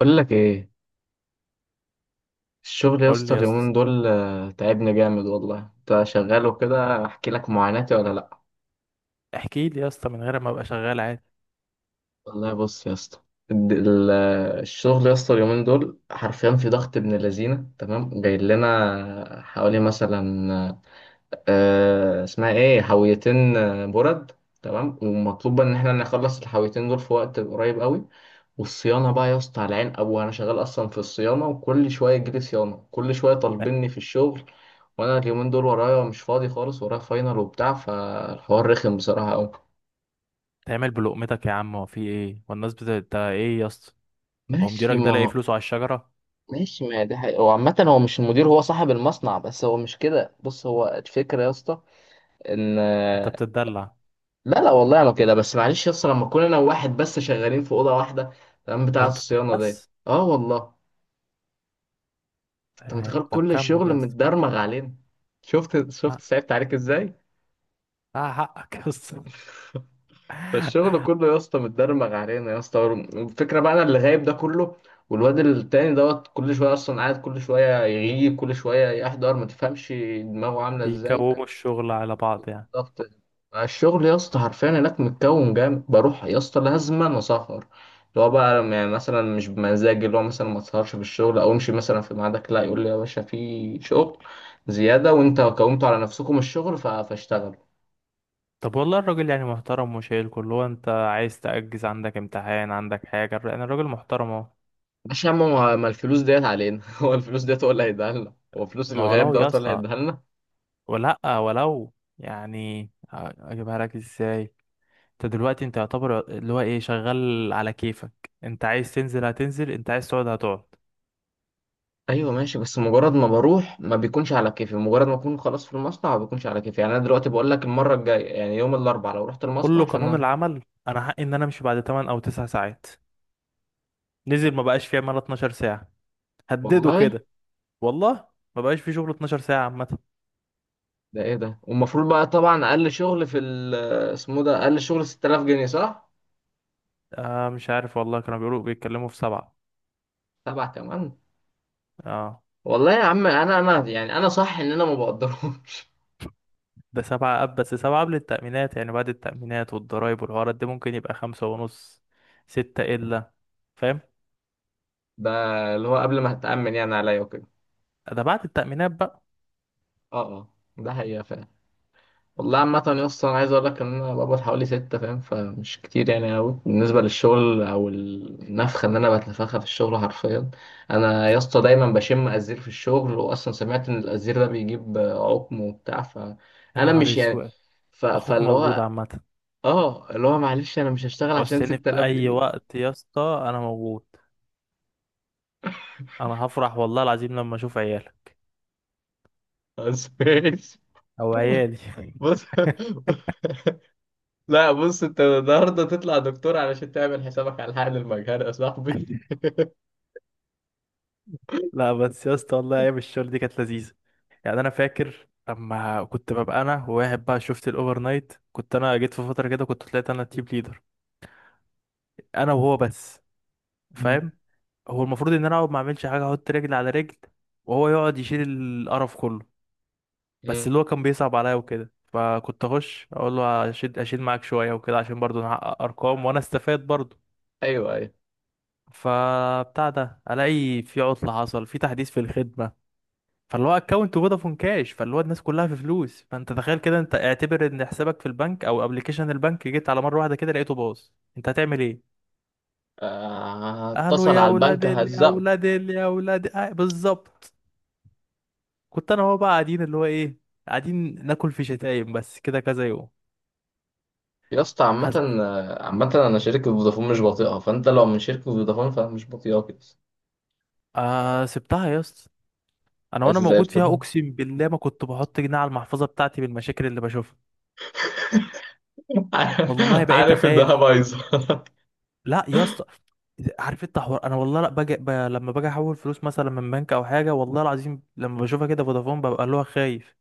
بقول لك ايه؟ الشغل يا قول اسطى لي يا اسطى. اليومين دول تعبني جامد والله. انت شغال وكده، احكي لك معاناتي ولا لا؟ احكي لي يا اسطى من غير ما ابقى شغال عادي. والله بص يا اسطى، الشغل يا اسطى اليومين دول حرفيا في ضغط ابن لذينه. تمام، جاي لنا حوالي مثلا اسمها ايه، حاويتين برد. تمام، ومطلوب ان احنا نخلص الحاويتين دول في وقت قريب قوي. والصيانة بقى يا اسطى على عين أبوه، أنا شغال أصلا في الصيانة، وكل شوية يجيلي صيانة، كل شوية لا، طالبيني في الشغل. وأنا اليومين دول ورايا مش فاضي خالص، ورايا فاينل وبتاع، فالحوار رخم بصراحة أوي. تعمل بلقمتك يا عم. هو في ايه والناس بت انت ايه يا اسطى؟ هو ماشي مديرك ده لاقي ما. فلوسه على الشجره؟ ماشي ما ده حقيقة. هو عامة هو مش المدير، هو صاحب المصنع، بس هو مش كده. بص، هو الفكرة يا اسطى إن انت بتتدلع. لا، والله أنا كده بس. معلش يا اسطى، لما أكون أنا وواحد بس شغالين في أوضة واحدة، تمام، هو بتاعة انتوا اتنين الصيانة دي. بس؟ أه والله. أنت متخيل ايه، طب كل كمل الشغل يا اسطى. متدرمغ علينا؟ شفت لا شفت صعبت عليك ازاي؟ لا حقك يا اسطى. فالشغل كله يا اسطى متدرمغ علينا يا اسطى. الفكره بقى انا اللي غايب ده كله، والواد التاني دوت كل شويه اصلا قاعد، كل شويه يغيب، كل شويه يحضر. ما تفهمش دماغه عامله ازاي، بيكوموا فاهم؟ الشغل على بعض يعني. ضغط الشغل يا اسطى حرفيا هناك متكون جامد. بروح يا اسطى لازما أنا اسهر، اللي هو بقى يعني مثلا مش بمزاجي، اللي هو مثلا ما تسهرش في الشغل او امشي مثلا في ميعادك. لا، يقول لي يا باشا في شغل زياده، وانت كونتوا على نفسكم الشغل، فاشتغلوا. طب والله الراجل يعني محترم وشايل كله. هو انت عايز تأجز؟ عندك امتحان، عندك حاجه؟ يعني الراجل محترم اهو. ماشي يا عم، ما الفلوس ديت علينا هو الفلوس ديت هو اللي هيديها لنا، هو فلوس ما الغياب ولو يا دوت هو اللي اسطى، هيديها لنا. ولا ولو، يعني اجيبها لك ازاي؟ انت دلوقتي انت يعتبر اللي هو ايه، شغال على كيفك. انت عايز تنزل هتنزل، انت عايز تقعد هتقعد. ايوه ماشي، بس مجرد ما بروح ما بيكونش على كيفي، مجرد ما اكون خلاص في المصنع ما بيكونش على كيفي. يعني انا دلوقتي بقول لك، المره الجايه يعني يوم الاربعاء لو رحت قول المصنع له عشان قانون أروح. العمل، انا حقي ان انا امشي بعد 8 او 9 ساعات. نزل، ما بقاش فيه عمال 12 ساعة. هدده والله كده. والله ما بقاش فيه شغل 12 ساعة عامة. ده ايه ده؟ والمفروض بقى طبعا اقل شغل في اسمه ده، اقل شغل 6000 جنيه، صح؟ آه مش عارف والله، كانوا بيقولوا بيتكلموا في سبعة. سبعة كمان؟ اه، والله يا عم انا، انا يعني انا صح ان انا ما بقدرهمش. ده سبعة أب. بس سبعة قبل التأمينات، يعني بعد التأمينات والضرايب والحوارات دي ممكن يبقى خمسة ونص، ستة إلا. فاهم؟ ده اللي هو قبل ما هتأمن يعني عليا وكده. ده بعد التأمينات بقى. اه اه، ده حقيقة فعلا. والله عامة يا اسطى أنا عايز أقول لك إن أنا بقبض حوالي ستة، فاهم؟ فمش كتير يعني أوي بالنسبة للشغل أو النفخة إن أنا بتنفخها في الشغل حرفيا. أنا يا اسطى دايما بشم أزير في الشغل، وأصلا سمعت إن الأزير ده بيجيب عقم وبتاع، يا فأنا نهار مش يعني أسود. ف... أخوك فاللي موجود هو عامة. آه اللي هو معلش أنا مش هشتغل عشان عوزتني في ستة آلاف اي جنيه وقت يا اسطى انا موجود. انا هفرح والله العظيم لما اشوف عيالك أسبوع. او عيالي. بص لا بص، أنت النهاردة تطلع دكتور علشان تعمل حسابك على حقن المجهر يا صاحبي. لا بس يا اسطى والله ايام الشغل دي كانت لذيذه. يعني انا فاكر لما كنت ببقى انا وواحد بقى، شفت الاوفر نايت؟ كنت انا جيت في فتره كده كنت طلعت انا تيم ليدر، انا وهو بس. مم. فاهم؟ هو المفروض ان انا اقعد ما اعملش حاجه، احط رجل على رجل وهو يقعد يشيل القرف كله. بس مم. اللي هو كان بيصعب عليا وكده، فكنت اخش اقول له اشيل اشيل معاك شويه وكده، عشان برضه نحقق ارقام وانا استفاد برضه. أيوه أيوه. فبتاع ده، الاقي في عطله، حصل في تحديث في الخدمه. فاللي هو اكونت فودافون كاش، فاللي هو الناس كلها في فلوس، فانت تخيل كده. انت اعتبر ان حسابك في البنك او ابلكيشن البنك، جيت على مره واحده كده لقيته باظ. انت هتعمل ايه؟ قالوا هتصل يا على ولاد البنك هزقه. آه، بالظبط. كنت انا هو بقى قاعدين اللي هو ايه، قاعدين ناكل في شتايم بس كده كذا يوم. يا اسطى عامة، حسب. عامة أنا شركة فودافون مش بطيئة، فأنت لو من شركة فودافون فمش بطيئة كده. آه، سبتها يا اسطى. انا بس وانا زي موجود فيها الفل اقسم بالله ما كنت بحط جنيه على المحفظه بتاعتي، بالمشاكل اللي بشوفها. والله بقيت عارف إنها اخاف. بايظة. لا يا اسطى. عارف انت حوار، انا والله لا لما باجي احول فلوس مثلا من بنك او حاجه، والله العظيم لما بشوفها كده فودافون ببقى اللي هو خايف.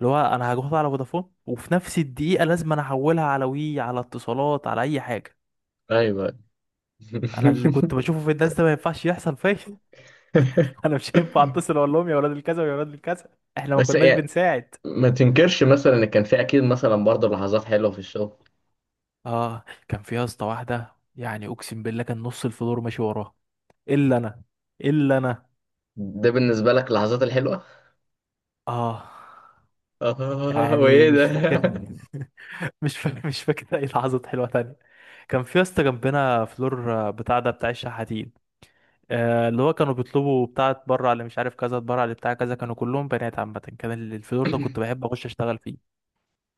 اللي هو انا هاخدها على فودافون وفي نفس الدقيقه لازم انا احولها على وي، على اتصالات، على اي حاجه. ايوه. انا اللي كنت بشوفه في الناس ده ما ينفعش يحصل فيا. انا مش هينفع اتصل اقول لهم يا ولاد الكذا ويا ولاد الكذا. احنا ما بس كناش يعني بنساعد. ما تنكرش مثلا ان كان في اكيد مثلا برضه لحظات حلوه في الشغل. اه، كان في يا اسطى واحده يعني اقسم بالله كان نص الفلور ماشي وراها، الا انا، الا انا. ده بالنسبه لك اللحظات الحلوه؟ اه. يعني وإيه ده؟ مش فاكر. مش فاكر. مش فاكر اي لحظات حلوه تانية. كان في يا اسطى جنبنا فلور بتاع ده بتاع الشحاتين، اللي هو كانوا بيطلبوا بتاع اتبرع اللي مش عارف كذا، اتبرع اللي بتاع كذا، كانوا كلهم بنات. عامه كان الفلور ده كنت بحب اخش اشتغل فيه.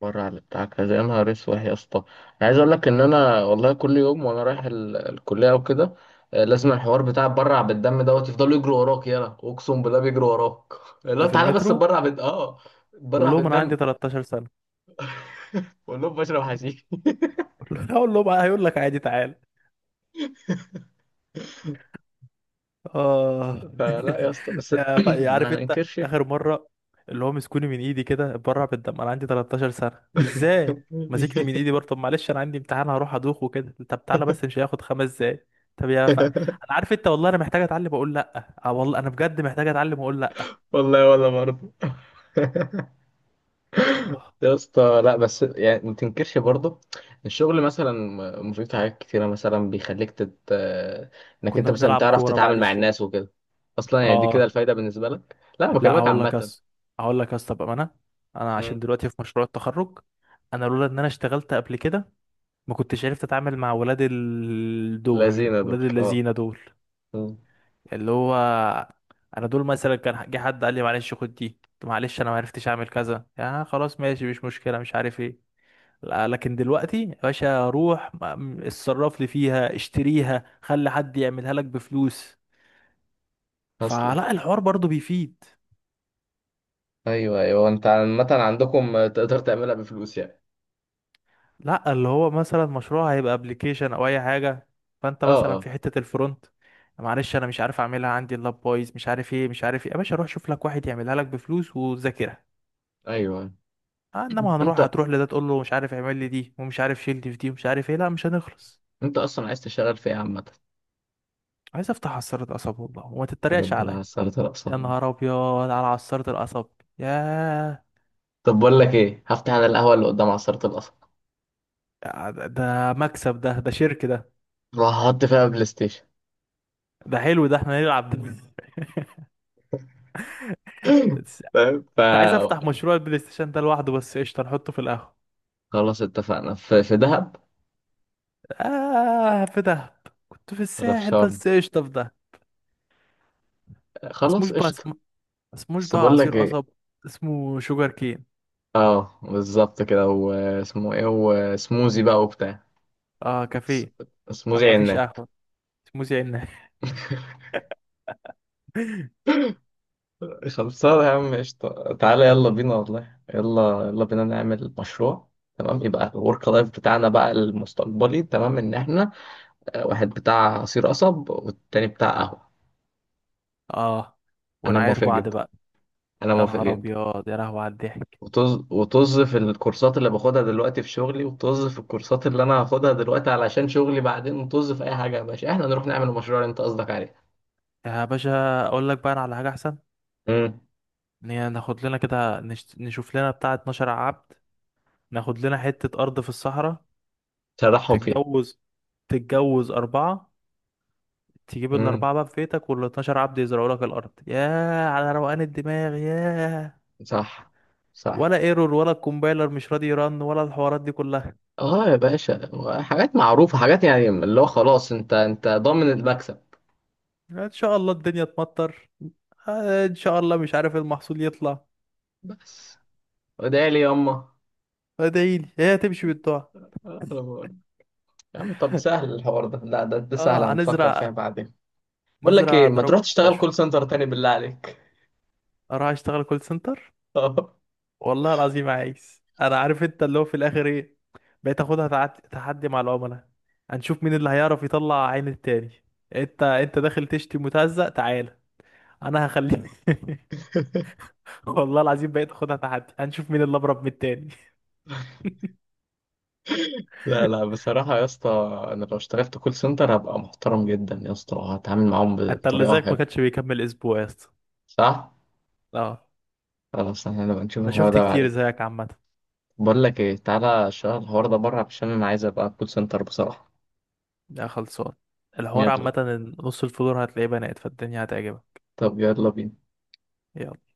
بره على بتاع كذا، يا نهار اسود يا اسطى، انا عايز اقول لك ان انا والله كل يوم وانا رايح الكليه او كده، لازم الحوار بتاع برع بالدم دوت يفضلوا يجروا وراك. يلا اقسم بالله بيجروا وراك لا ده في تعالى بس المترو. برع بال قول برع لهم انا عندي بالدم. 13 سنه. بقول لهم بشرب حشيش اقول لهم "آه، هيقول لك عادي تعال". اه. فلا يا اسطى بس عارف ما انت ننكرش. اخر مره، اللي هو مسكوني من ايدي كده اتبرع بالدم، انا عندي 13 سنه ازاي؟ ماسكني من ايدي برضه. طب معلش انا عندي امتحان هروح ادوخ وكده. طب تعالى بس، مش هياخد 5 دقايق. طب انا عارف انت، والله انا محتاج اتعلم اقول لا. اه والله انا بجد محتاج اتعلم اقول لا. والله ولا برضه. آه. يا اسطى لا، بس يعني ما تنكرش برضه. الشغل مثلا مفيد في حاجات كتيرة، مثلا بيخليك تت... آه، انك انت كنا مثلا بنلعب تعرف كوره بعد تتعامل مع الشيء. الناس وكده. اصلا يعني دي كده اه الفايدة بالنسبة لك. لا لا، بكلمك هقول لك عامة. يس. هقول لك يس. طب انا، انا عشان مم. دلوقتي في مشروع التخرج، انا لولا ان انا اشتغلت قبل كده ما كنتش عرفت اتعامل مع ولاد دول، لذينة ولاد دول اه. الذين دول. مم. اللي هو انا دول مثلا كان جه حد قال لي معلش خد دي، طب معلش انا ما عرفتش اعمل كذا، يا خلاص ماشي مش مشكله مش عارف ايه. لا، لكن دلوقتي يا باشا، روح اتصرف لي فيها، اشتريها، خلي حد يعملها لك بفلوس. اصلا. فلا، الحوار برضو بيفيد. ايوه ايوه. انت عامة عندكم تقدر تعملها بفلوس يعني. لا، اللي هو مثلا مشروع هيبقى ابلكيشن او اي حاجه، فانت اه مثلا اه. في حته الفرونت، معلش انا مش عارف اعملها، عندي اللاب بايظ، مش عارف ايه مش عارف ايه. يا باشا روح شوف لك واحد يعملها لك بفلوس وذاكرها. ايوه. آه، انما انت، هنروح، هتروح لده تقول له مش عارف اعمل لي دي، ومش عارف شيل دي في دي، ومش عارف ايه، لا مش هنخلص. انت اصلا عايز تشتغل في ايه عامة؟ عايز افتح عصاره قصب والله وما تتريقش ربنا عليا. عسلت الأقصى. يا نهار ابيض على عصاره القصب. ياه. طب بقول لك ايه، هفتح انا القهوة اللي قدام عصارة القصب، ده ده مكسب، ده ده شرك ده. وهحط فيها بلاي ستيشن. ده حلو ده، احنا نلعب ده. فاهم؟ كنت عايز فخلاص. افتح مشروع البلاي ستيشن ده لوحده، بس قشطه نحطه في القهوه. اتفقنا. في دهب آه في دهب. كنت في ولا في الساحل شرم؟ بس قشطة في دهب. ما اسموش خلاص بقى قشطة. ما اسموش بس بقى بقول لك عصير ايه، قصب. اسمه شوجر كين. اه بالظبط كده، واسمه ايه، وسموزي بقى وبتاع. اه س- كافيه. ما سموزي ما فيش عنا. قهوة. اسمه زي الناس. خلصانة يا عم، قشطة، تعالى يلا بينا، والله يلا يلا بينا نعمل مشروع. تمام، يبقى الورك لايف بتاعنا بقى المستقبلي، تمام، ان احنا واحد بتاع عصير قصب والتاني بتاع قهوة. اه، انا ونعاير موافق بعض جدا. بقى. انا يا موافق نهار جدا. ابيض يا لهوي على الضحك. وطز وطز في الكورسات اللي باخدها دلوقتي في شغلي، وطز في الكورسات اللي انا هاخدها دلوقتي علشان شغلي بعدين، وطز في اي حاجه. يا باشا، احنا نروح نعمل المشروع اللي انت قصدك عليه. يا باشا اقول لك بقى، أنا على حاجة احسن. امم. ان هي ناخد لنا كده نشوف لنا بتاع 12 عبد، ناخد لنا حتة ارض في الصحراء. تضحهم فيه. تتجوز، تتجوز أربعة، تجيب امم. الأربعة بقى في بيتك والاتناشر عبد يزرعوا لك الأرض. ياه على روقان الدماغ، ياه. صح. ولا صح. ايرور ولا الكومبايلر مش راضي يرن ولا الحوارات دي كلها. اه يا باشا، حاجات معروفه، حاجات يعني اللي هو خلاص انت، انت ضامن المكسب. ان شاء الله الدنيا تمطر، آه، ان شاء الله مش عارف إيه المحصول يطلع. بس وادعي لي ياما. ادعيلي هي تمشي بالدعاء. أنا بقول. يا عم طب سهل الحوار ده، لا ده, ده سهل، اه هنفكر فيها هنزرع، بعدين. بقول لك ايه، نزرع ما تروح دراجون تشتغل وبشر. كول سنتر تاني بالله عليك. اروح اشتغل كول سنتر؟ اه. والله العظيم عايز، انا عارف انت اللي هو في الاخر ايه. بقيت اخدها تحدي مع العملاء. هنشوف مين اللي هيعرف يطلع عين التاني. انت انت داخل تشتي متهزق، تعال انا هخليه. والله العظيم بقيت اخدها تحدي، هنشوف مين اللي ابرب من التاني. لا لا، بصراحة يا اسطى، أنا لو اشتغلت كول سنتر هبقى محترم جدا يا اسطى، هتعامل معاهم انت اللي بطريقة زيك ما كانش حلوة. بيكمل اسبوع يا اسطى. صح؟ اه. خلاص احنا نبقى نشوف انا الحوار شفت ده كتير بعدين. زيك عامه. بقول لك ايه، تعالى اشتغل الحوار ده بره، عشان أنا عايز أبقى كول سنتر بصراحة. يا خلصان الحوار يلا. عامه إن نص الفلور هتلاقيه بنات، فالدنيا هتعجبك. طب يلا بينا. يلا.